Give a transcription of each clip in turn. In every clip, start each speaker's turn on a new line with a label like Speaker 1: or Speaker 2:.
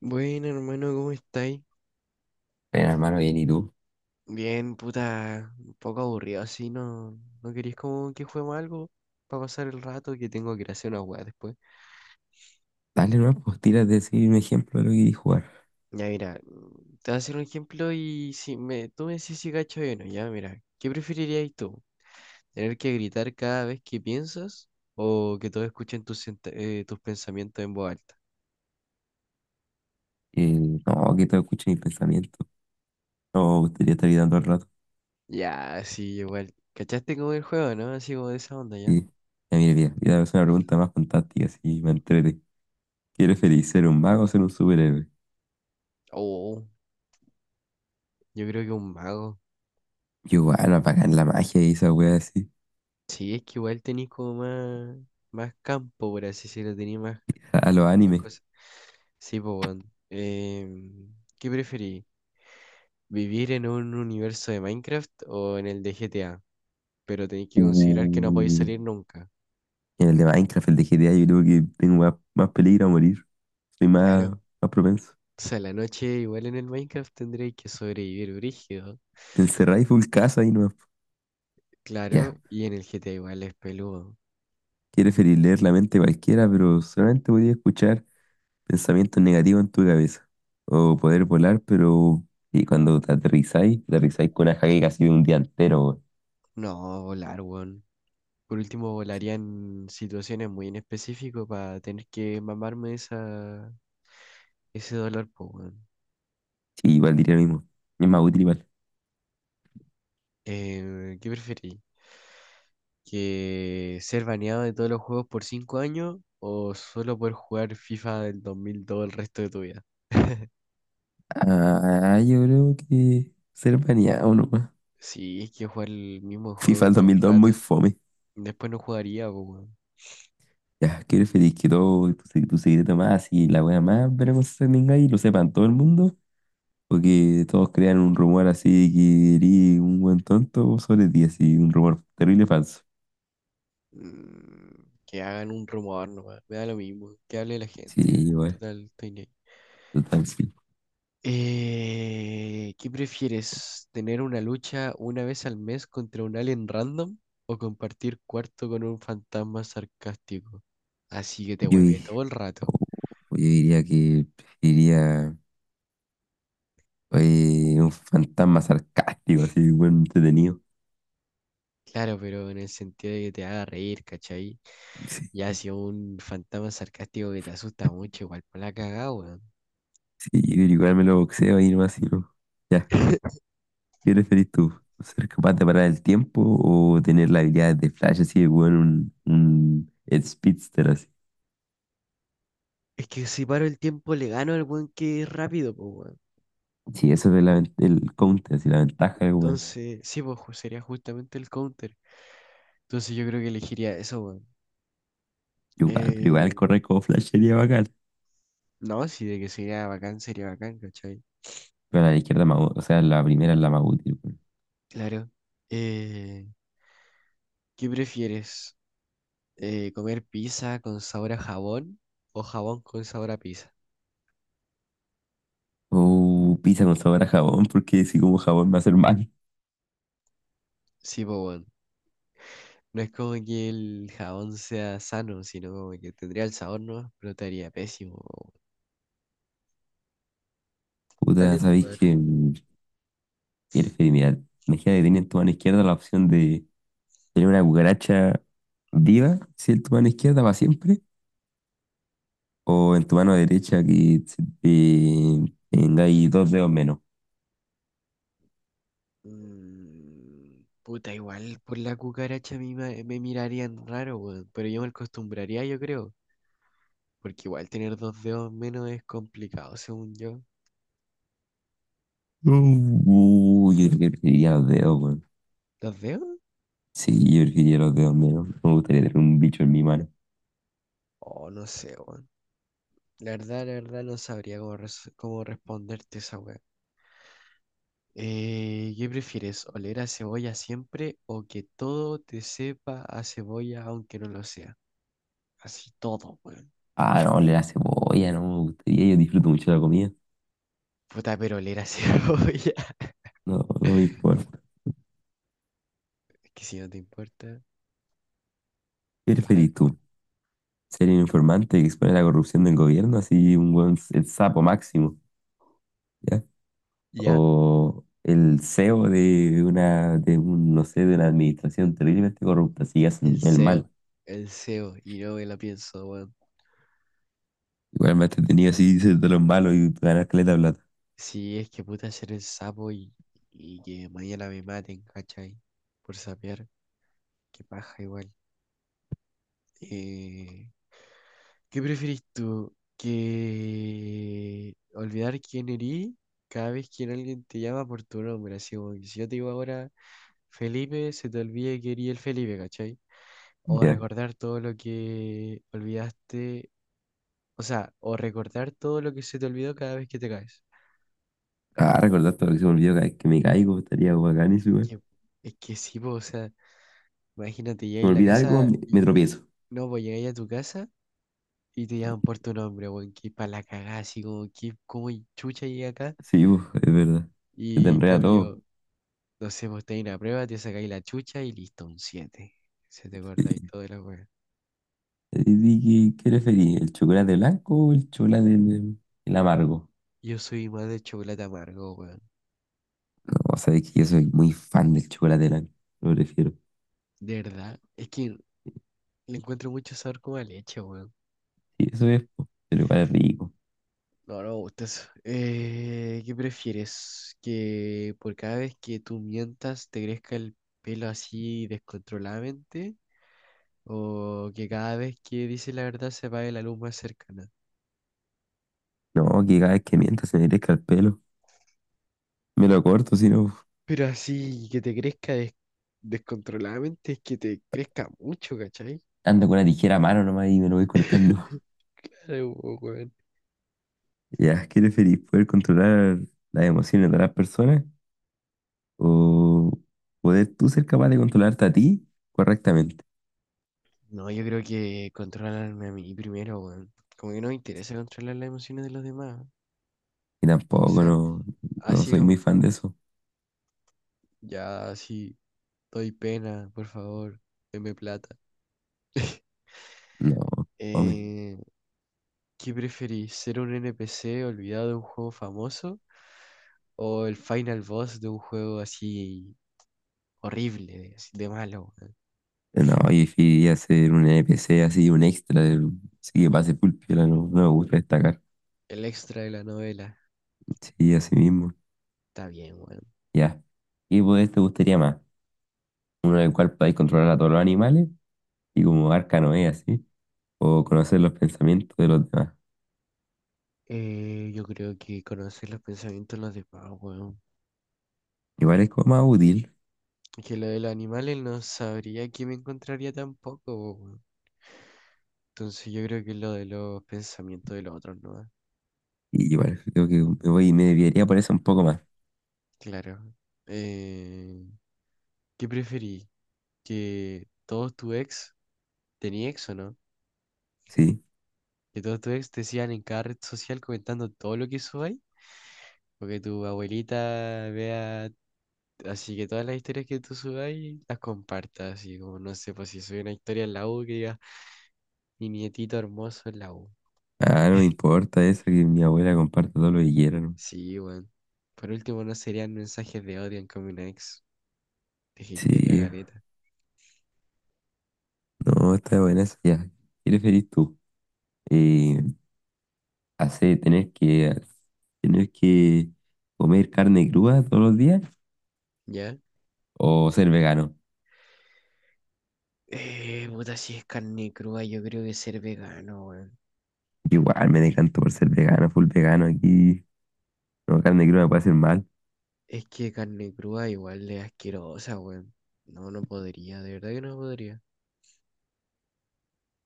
Speaker 1: Bueno, hermano, ¿cómo estáis?
Speaker 2: Bueno, hermano, bien, ¿y tú?
Speaker 1: Bien, puta, un poco aburrido así, ¿no? ¿No queréis como que juguemos algo para pasar el rato que tengo que ir a hacer una weá después?
Speaker 2: Dale nuevas posturas de decir un ejemplo de lo que querís jugar.
Speaker 1: Ya, mira, te voy a hacer un ejemplo y si me, tú me decís si gacho o no, ya, mira, ¿qué preferirías tú? ¿Tener que gritar cada vez que piensas o que todos escuchen tus pensamientos en voz alta?
Speaker 2: Eh, no, que te escuchen mis pensamientos. No, me gustaría estar gritando al rato.
Speaker 1: Ya, sí, igual. ¿Cachaste como el juego, no? Así como de esa onda, ¿ya?
Speaker 2: Sí. Ya, mira, mira, ya es una pregunta más fantástica, si me entrete. ¿Quieres feliz ser un mago o ser un superhéroe?
Speaker 1: Oh, yo creo que un mago.
Speaker 2: Yo, bueno, apagar la magia y esa wea así.
Speaker 1: Sí, es que igual tenía como más, más campo, por así decirlo, tenía más,
Speaker 2: A los
Speaker 1: más
Speaker 2: animes.
Speaker 1: cosas. Sí, pues, weón. ¿Qué preferís? ¿Vivir en un universo de Minecraft o en el de GTA? Pero tenéis que considerar que no podéis
Speaker 2: Uh,
Speaker 1: salir nunca.
Speaker 2: en el de Minecraft, el de GTA, yo creo que tengo más peligro a morir. Soy más,
Speaker 1: Claro.
Speaker 2: más propenso.
Speaker 1: O sea, la noche igual en el Minecraft tendréis que sobrevivir brígido.
Speaker 2: Te encerráis full casa y no.
Speaker 1: Claro,
Speaker 2: Ya.
Speaker 1: y en el GTA igual es peludo.
Speaker 2: ¿Quieres feliz leer la mente de cualquiera, pero solamente podía escuchar pensamientos negativos en tu cabeza? O poder volar, pero y cuando te aterrizáis con una jaque casi de un día entero, weón.
Speaker 1: No, volar, weón. Por último, volaría en situaciones muy en específico para tener que mamarme ese dólar, pues, weón.
Speaker 2: Sí, igual diría lo mismo. Es más útil igual.
Speaker 1: ¿Qué preferís? ¿Que ser baneado de todos los juegos por 5 años o solo poder jugar FIFA del 2002 el resto de tu vida?
Speaker 2: Ah, yo creo que ser baneado nomás.
Speaker 1: Sí, es que jugar el mismo juego
Speaker 2: FIFA
Speaker 1: todo
Speaker 2: dos mil
Speaker 1: el
Speaker 2: dos muy
Speaker 1: rato.
Speaker 2: fome.
Speaker 1: Después no jugaría, pues, weón.
Speaker 2: Ya, que eres feliz que todo tu, tu secreto más y la wea más veremos que tengáis y lo sepan todo el mundo. O que todos crean un rumor así que eres un buen tonto sobre ti, así un rumor terrible falso.
Speaker 1: Mm, que hagan un rumor nomás. Me da lo mismo. Que hable la
Speaker 2: Sí,
Speaker 1: gente.
Speaker 2: igual,
Speaker 1: Total, estoy ni ahí.
Speaker 2: total, sí.
Speaker 1: ¿Qué prefieres? ¿Tener una lucha una vez al mes contra un alien random o compartir cuarto con un fantasma sarcástico? Así que te
Speaker 2: Yo,
Speaker 1: hueve todo el rato.
Speaker 2: Yo diría que preferiría un fantasma sarcástico, así, buen entretenido.
Speaker 1: Claro, pero en el sentido de que te haga reír, ¿cachai?
Speaker 2: Sí,
Speaker 1: Ya si un fantasma sarcástico que te asusta mucho, igual por la cagada, weón.
Speaker 2: sí, yo creo que igual me lo boxeo ahí nomás, y no. Ya, ¿qué preferís tú? ¿Ser capaz de parar el tiempo o tener la habilidad de Flash así de bueno, un Speedster así?
Speaker 1: Es que si paro el tiempo le gano al weón que es rápido, pues weón.
Speaker 2: Sí, eso es la el counter, así, la ventaja de weón.
Speaker 1: Entonces, sí, pues sería justamente el counter. Entonces yo creo que elegiría eso, weón.
Speaker 2: Igual, pero igual
Speaker 1: Eh,
Speaker 2: correr como Flash sería bacán.
Speaker 1: No, sí, de que sería bacán, ¿cachai?
Speaker 2: Pero la izquierda, es más o sea, la primera es la más útil, weón.
Speaker 1: Claro. Eh, ¿Qué prefieres? ¿Comer pizza con sabor a jabón o jabón con sabor a pizza?
Speaker 2: O pizza con sabor a jabón, porque si como jabón me va a hacer mal.
Speaker 1: Sí, pues bueno. No es como que el jabón sea sano, sino como que tendría el sabor, ¿no? Pero estaría pésimo, po, weón.
Speaker 2: Puta,
Speaker 1: Dale tu
Speaker 2: sabéis
Speaker 1: lugar.
Speaker 2: que qué preferí, mira, imagínate que tenía en tu mano izquierda la opción de tener una cucaracha viva, si en tu mano izquierda para siempre, o en tu mano derecha que se te tengáis dos dedos menos.
Speaker 1: Mm, puta, igual por la cucaracha a mí me mirarían raro, weón, pero yo me acostumbraría, yo creo, porque igual tener dos dedos menos es complicado, según yo.
Speaker 2: Yo creo que preferiría los dedos, weón.
Speaker 1: ¿Dos dedos?
Speaker 2: Sí, yo preferiría los dedos menos. No me gustaría tener un bicho en mi mano.
Speaker 1: Oh, no sé, weón. La verdad, no sabría cómo responderte esa weá. ¿Qué prefieres? ¿Oler a cebolla siempre o que todo te sepa a cebolla aunque no lo sea? Así todo, weón.
Speaker 2: Ah, no, le la cebolla, no me gustaría. Yo disfruto mucho la comida.
Speaker 1: Puta, pero oler a cebolla.
Speaker 2: No, no me importa.
Speaker 1: Es que si no te importa.
Speaker 2: ¿Qué
Speaker 1: Claro,
Speaker 2: preferís tú? ¿Ser un informante que expone la corrupción del gobierno, así un buen, el sapo máximo,
Speaker 1: ya,
Speaker 2: o el CEO de una, de un, no sé, de una administración terriblemente corrupta, si
Speaker 1: el
Speaker 2: hacen el mal?
Speaker 1: SEO. El SEO. Y no me la pienso, weón.
Speaker 2: Igual me ha entretenido así ser de los malos y ganar caleta de plata.
Speaker 1: Si es que puta ser el sapo y que mañana me maten, ¿cachai? Por sapear. Qué paja igual. Eh, ¿Qué preferís tú? ¿Que olvidar quién eres cada vez que alguien te llama por tu nombre? Así como que si yo te digo ahora Felipe, se te olvide que eres el Felipe, ¿cachai? O
Speaker 2: Ya.
Speaker 1: recordar todo lo que olvidaste, o sea, o recordar todo lo que se te olvidó cada vez que te caes.
Speaker 2: Ah, recordar todo lo que se me olvidó cada vez que me caigo, estaría bacán eso, igual.
Speaker 1: Que- es que sí, po, o sea, imagínate,
Speaker 2: Se me
Speaker 1: llegáis a la
Speaker 2: olvida algo,
Speaker 1: casa
Speaker 2: me
Speaker 1: y
Speaker 2: tropiezo.
Speaker 1: no, pues llegáis a tu casa y te llaman por tu nombre, weón, que para la cagada, así como que, como chucha llegué acá
Speaker 2: Sí, uf, es verdad. Se te
Speaker 1: y ya.
Speaker 2: enreda todo.
Speaker 1: Camilo. No sé, vos tenés la prueba, te sacáis la chucha y listo, un 7, se te guarda y
Speaker 2: Sí.
Speaker 1: toda la weá.
Speaker 2: ¿Y qué preferís? ¿El chocolate blanco o el chocolate el amargo?
Speaker 1: Yo soy más de chocolate amargo, weón.
Speaker 2: No, sabes que yo soy muy fan del chocolate blanco. Lo prefiero.
Speaker 1: De verdad. Es que le encuentro mucho sabor como a leche, weón.
Speaker 2: Sí, eso es, po, pero igual es rico.
Speaker 1: No, no me gusta eso. ¿Qué prefieres? ¿Que por cada vez que tú mientas te crezca el pelo así descontroladamente? ¿O que cada vez que dices la verdad se apague la luz más cercana?
Speaker 2: No, que cada vez que miento se me crezca el pelo. Me lo corto, si no.
Speaker 1: Pero así, que te crezca descontroladamente es que te crezca mucho, ¿cachai?
Speaker 2: Ando con una tijera a mano nomás y me lo voy cortando.
Speaker 1: Sí, weón.
Speaker 2: Ya, ¿qué preferís? ¿Poder controlar las emociones de las personas o poder tú ser capaz de controlarte a ti correctamente?
Speaker 1: No, yo creo que controlarme a mí primero, weón. Como que no me interesa controlar las emociones de los demás.
Speaker 2: Y
Speaker 1: O
Speaker 2: tampoco,
Speaker 1: sea,
Speaker 2: no, no
Speaker 1: así
Speaker 2: soy muy
Speaker 1: como,
Speaker 2: fan de eso.
Speaker 1: ya, así, doy pena, por favor, deme plata.
Speaker 2: No, hombre.
Speaker 1: Eh, ¿qué preferís? ¿Ser un NPC olvidado de un juego famoso? ¿O el final boss de un juego así horrible, así de malo, weón?
Speaker 2: No, yo preferiría ser un NPC así, un extra, sí que pase pulpiola, no, no me gusta destacar.
Speaker 1: El extra de la novela.
Speaker 2: Sí, así mismo.
Speaker 1: Está bien, weón.
Speaker 2: Ya. ¿Qué poder te gustaría más? Uno en el cual podáis controlar a todos los animales y como Arcanoe, así, o conocer los pensamientos de los demás.
Speaker 1: Yo creo que conocer los pensamientos de los demás, weón.
Speaker 2: Igual es como más útil,
Speaker 1: Que lo de los animales no sabría que me encontraría tampoco, weón. Entonces yo creo que lo de los pensamientos de los otros, ¿no? Ah,
Speaker 2: y igual creo que me desviaría por eso un poco más,
Speaker 1: claro. Eh, ¿Qué preferí? ¿Que todos tu ex, tenía ex o no?
Speaker 2: ¿sí?
Speaker 1: ¿Que todos tus ex te sigan en cada red social comentando todo lo que subáis? ¿O que tu abuelita vea así que todas las historias que tú subáis las compartas? Así como, no sé, pues si soy una historia en la U, que diga mi nietito hermoso en la U.
Speaker 2: Ah, no me importa eso, que mi abuela comparta todo lo que quiera, ¿no?
Speaker 1: Sí, weón. Por último, no serían mensajes de odio en Common Ex. Te hatearía
Speaker 2: Sí,
Speaker 1: caleta.
Speaker 2: no, está buena eso, ya. ¿Qué preferís tú? Eh, Hacer, tener que comer carne cruda todos los días,
Speaker 1: ¿Ya?
Speaker 2: ¿o ser vegano?
Speaker 1: Puta, si es carne cruda, yo creo que ser vegano, weón.
Speaker 2: Igual me decanto por ser vegano, full vegano aquí. No, carne cruda me puede hacer mal.
Speaker 1: Es que carne cruda igual es asquerosa, weón. No, no podría, de verdad que no podría.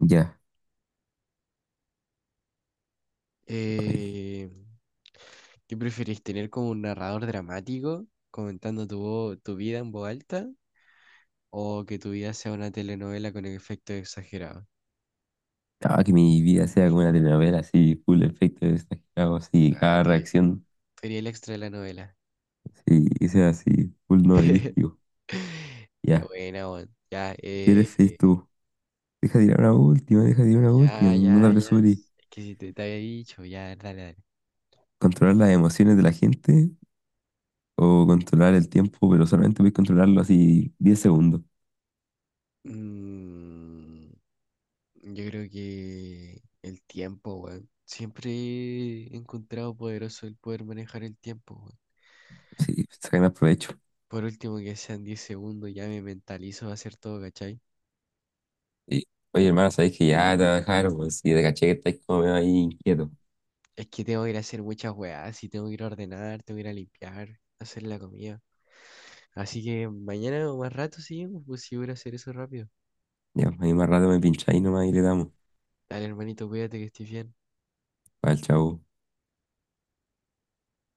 Speaker 2: Ya, no,
Speaker 1: Eh, ¿Qué preferís, tener como un narrador dramático comentando tu vida en voz alta o que tu vida sea una telenovela con efectos exagerados?
Speaker 2: ah, que mi vida sea como una telenovela, así, full efecto de exagerado, así,
Speaker 1: Ah,
Speaker 2: cada
Speaker 1: tú
Speaker 2: reacción,
Speaker 1: eres el extra de la novela.
Speaker 2: sí, que sea así, full novelístico.
Speaker 1: Qué
Speaker 2: Ya,
Speaker 1: buena, weón. Ya,
Speaker 2: ¿qué eres feliz tú? Deja tirar una última, deja tirar una
Speaker 1: ya,
Speaker 2: última, no te
Speaker 1: ya, ya.
Speaker 2: apresures.
Speaker 1: Es que si te había dicho, ya, dale, dale.
Speaker 2: ¿Controlar las emociones de la gente o controlar el tiempo, pero solamente puedes controlarlo así 10 segundos?
Speaker 1: Mm, yo creo que el tiempo, weón. Siempre he encontrado poderoso el poder manejar el tiempo, weón.
Speaker 2: Sí, saca más provecho.
Speaker 1: Por último, que sean 10 segundos, ya me mentalizo a hacer todo, ¿cachai?
Speaker 2: Sí. Oye, hermano, sabes que ya te voy a dejar, pues, si te caché que estáis como medio ahí inquieto.
Speaker 1: Es que tengo que ir a hacer muchas weas, y tengo que ir a ordenar, tengo que ir a limpiar, hacer la comida. Así que mañana o más rato, sí, pues si voy a ir a hacer eso rápido.
Speaker 2: Ya, ahí más rato me pincháis nomás y le damos.
Speaker 1: Dale, hermanito, cuídate que estés bien.
Speaker 2: Vale, chao.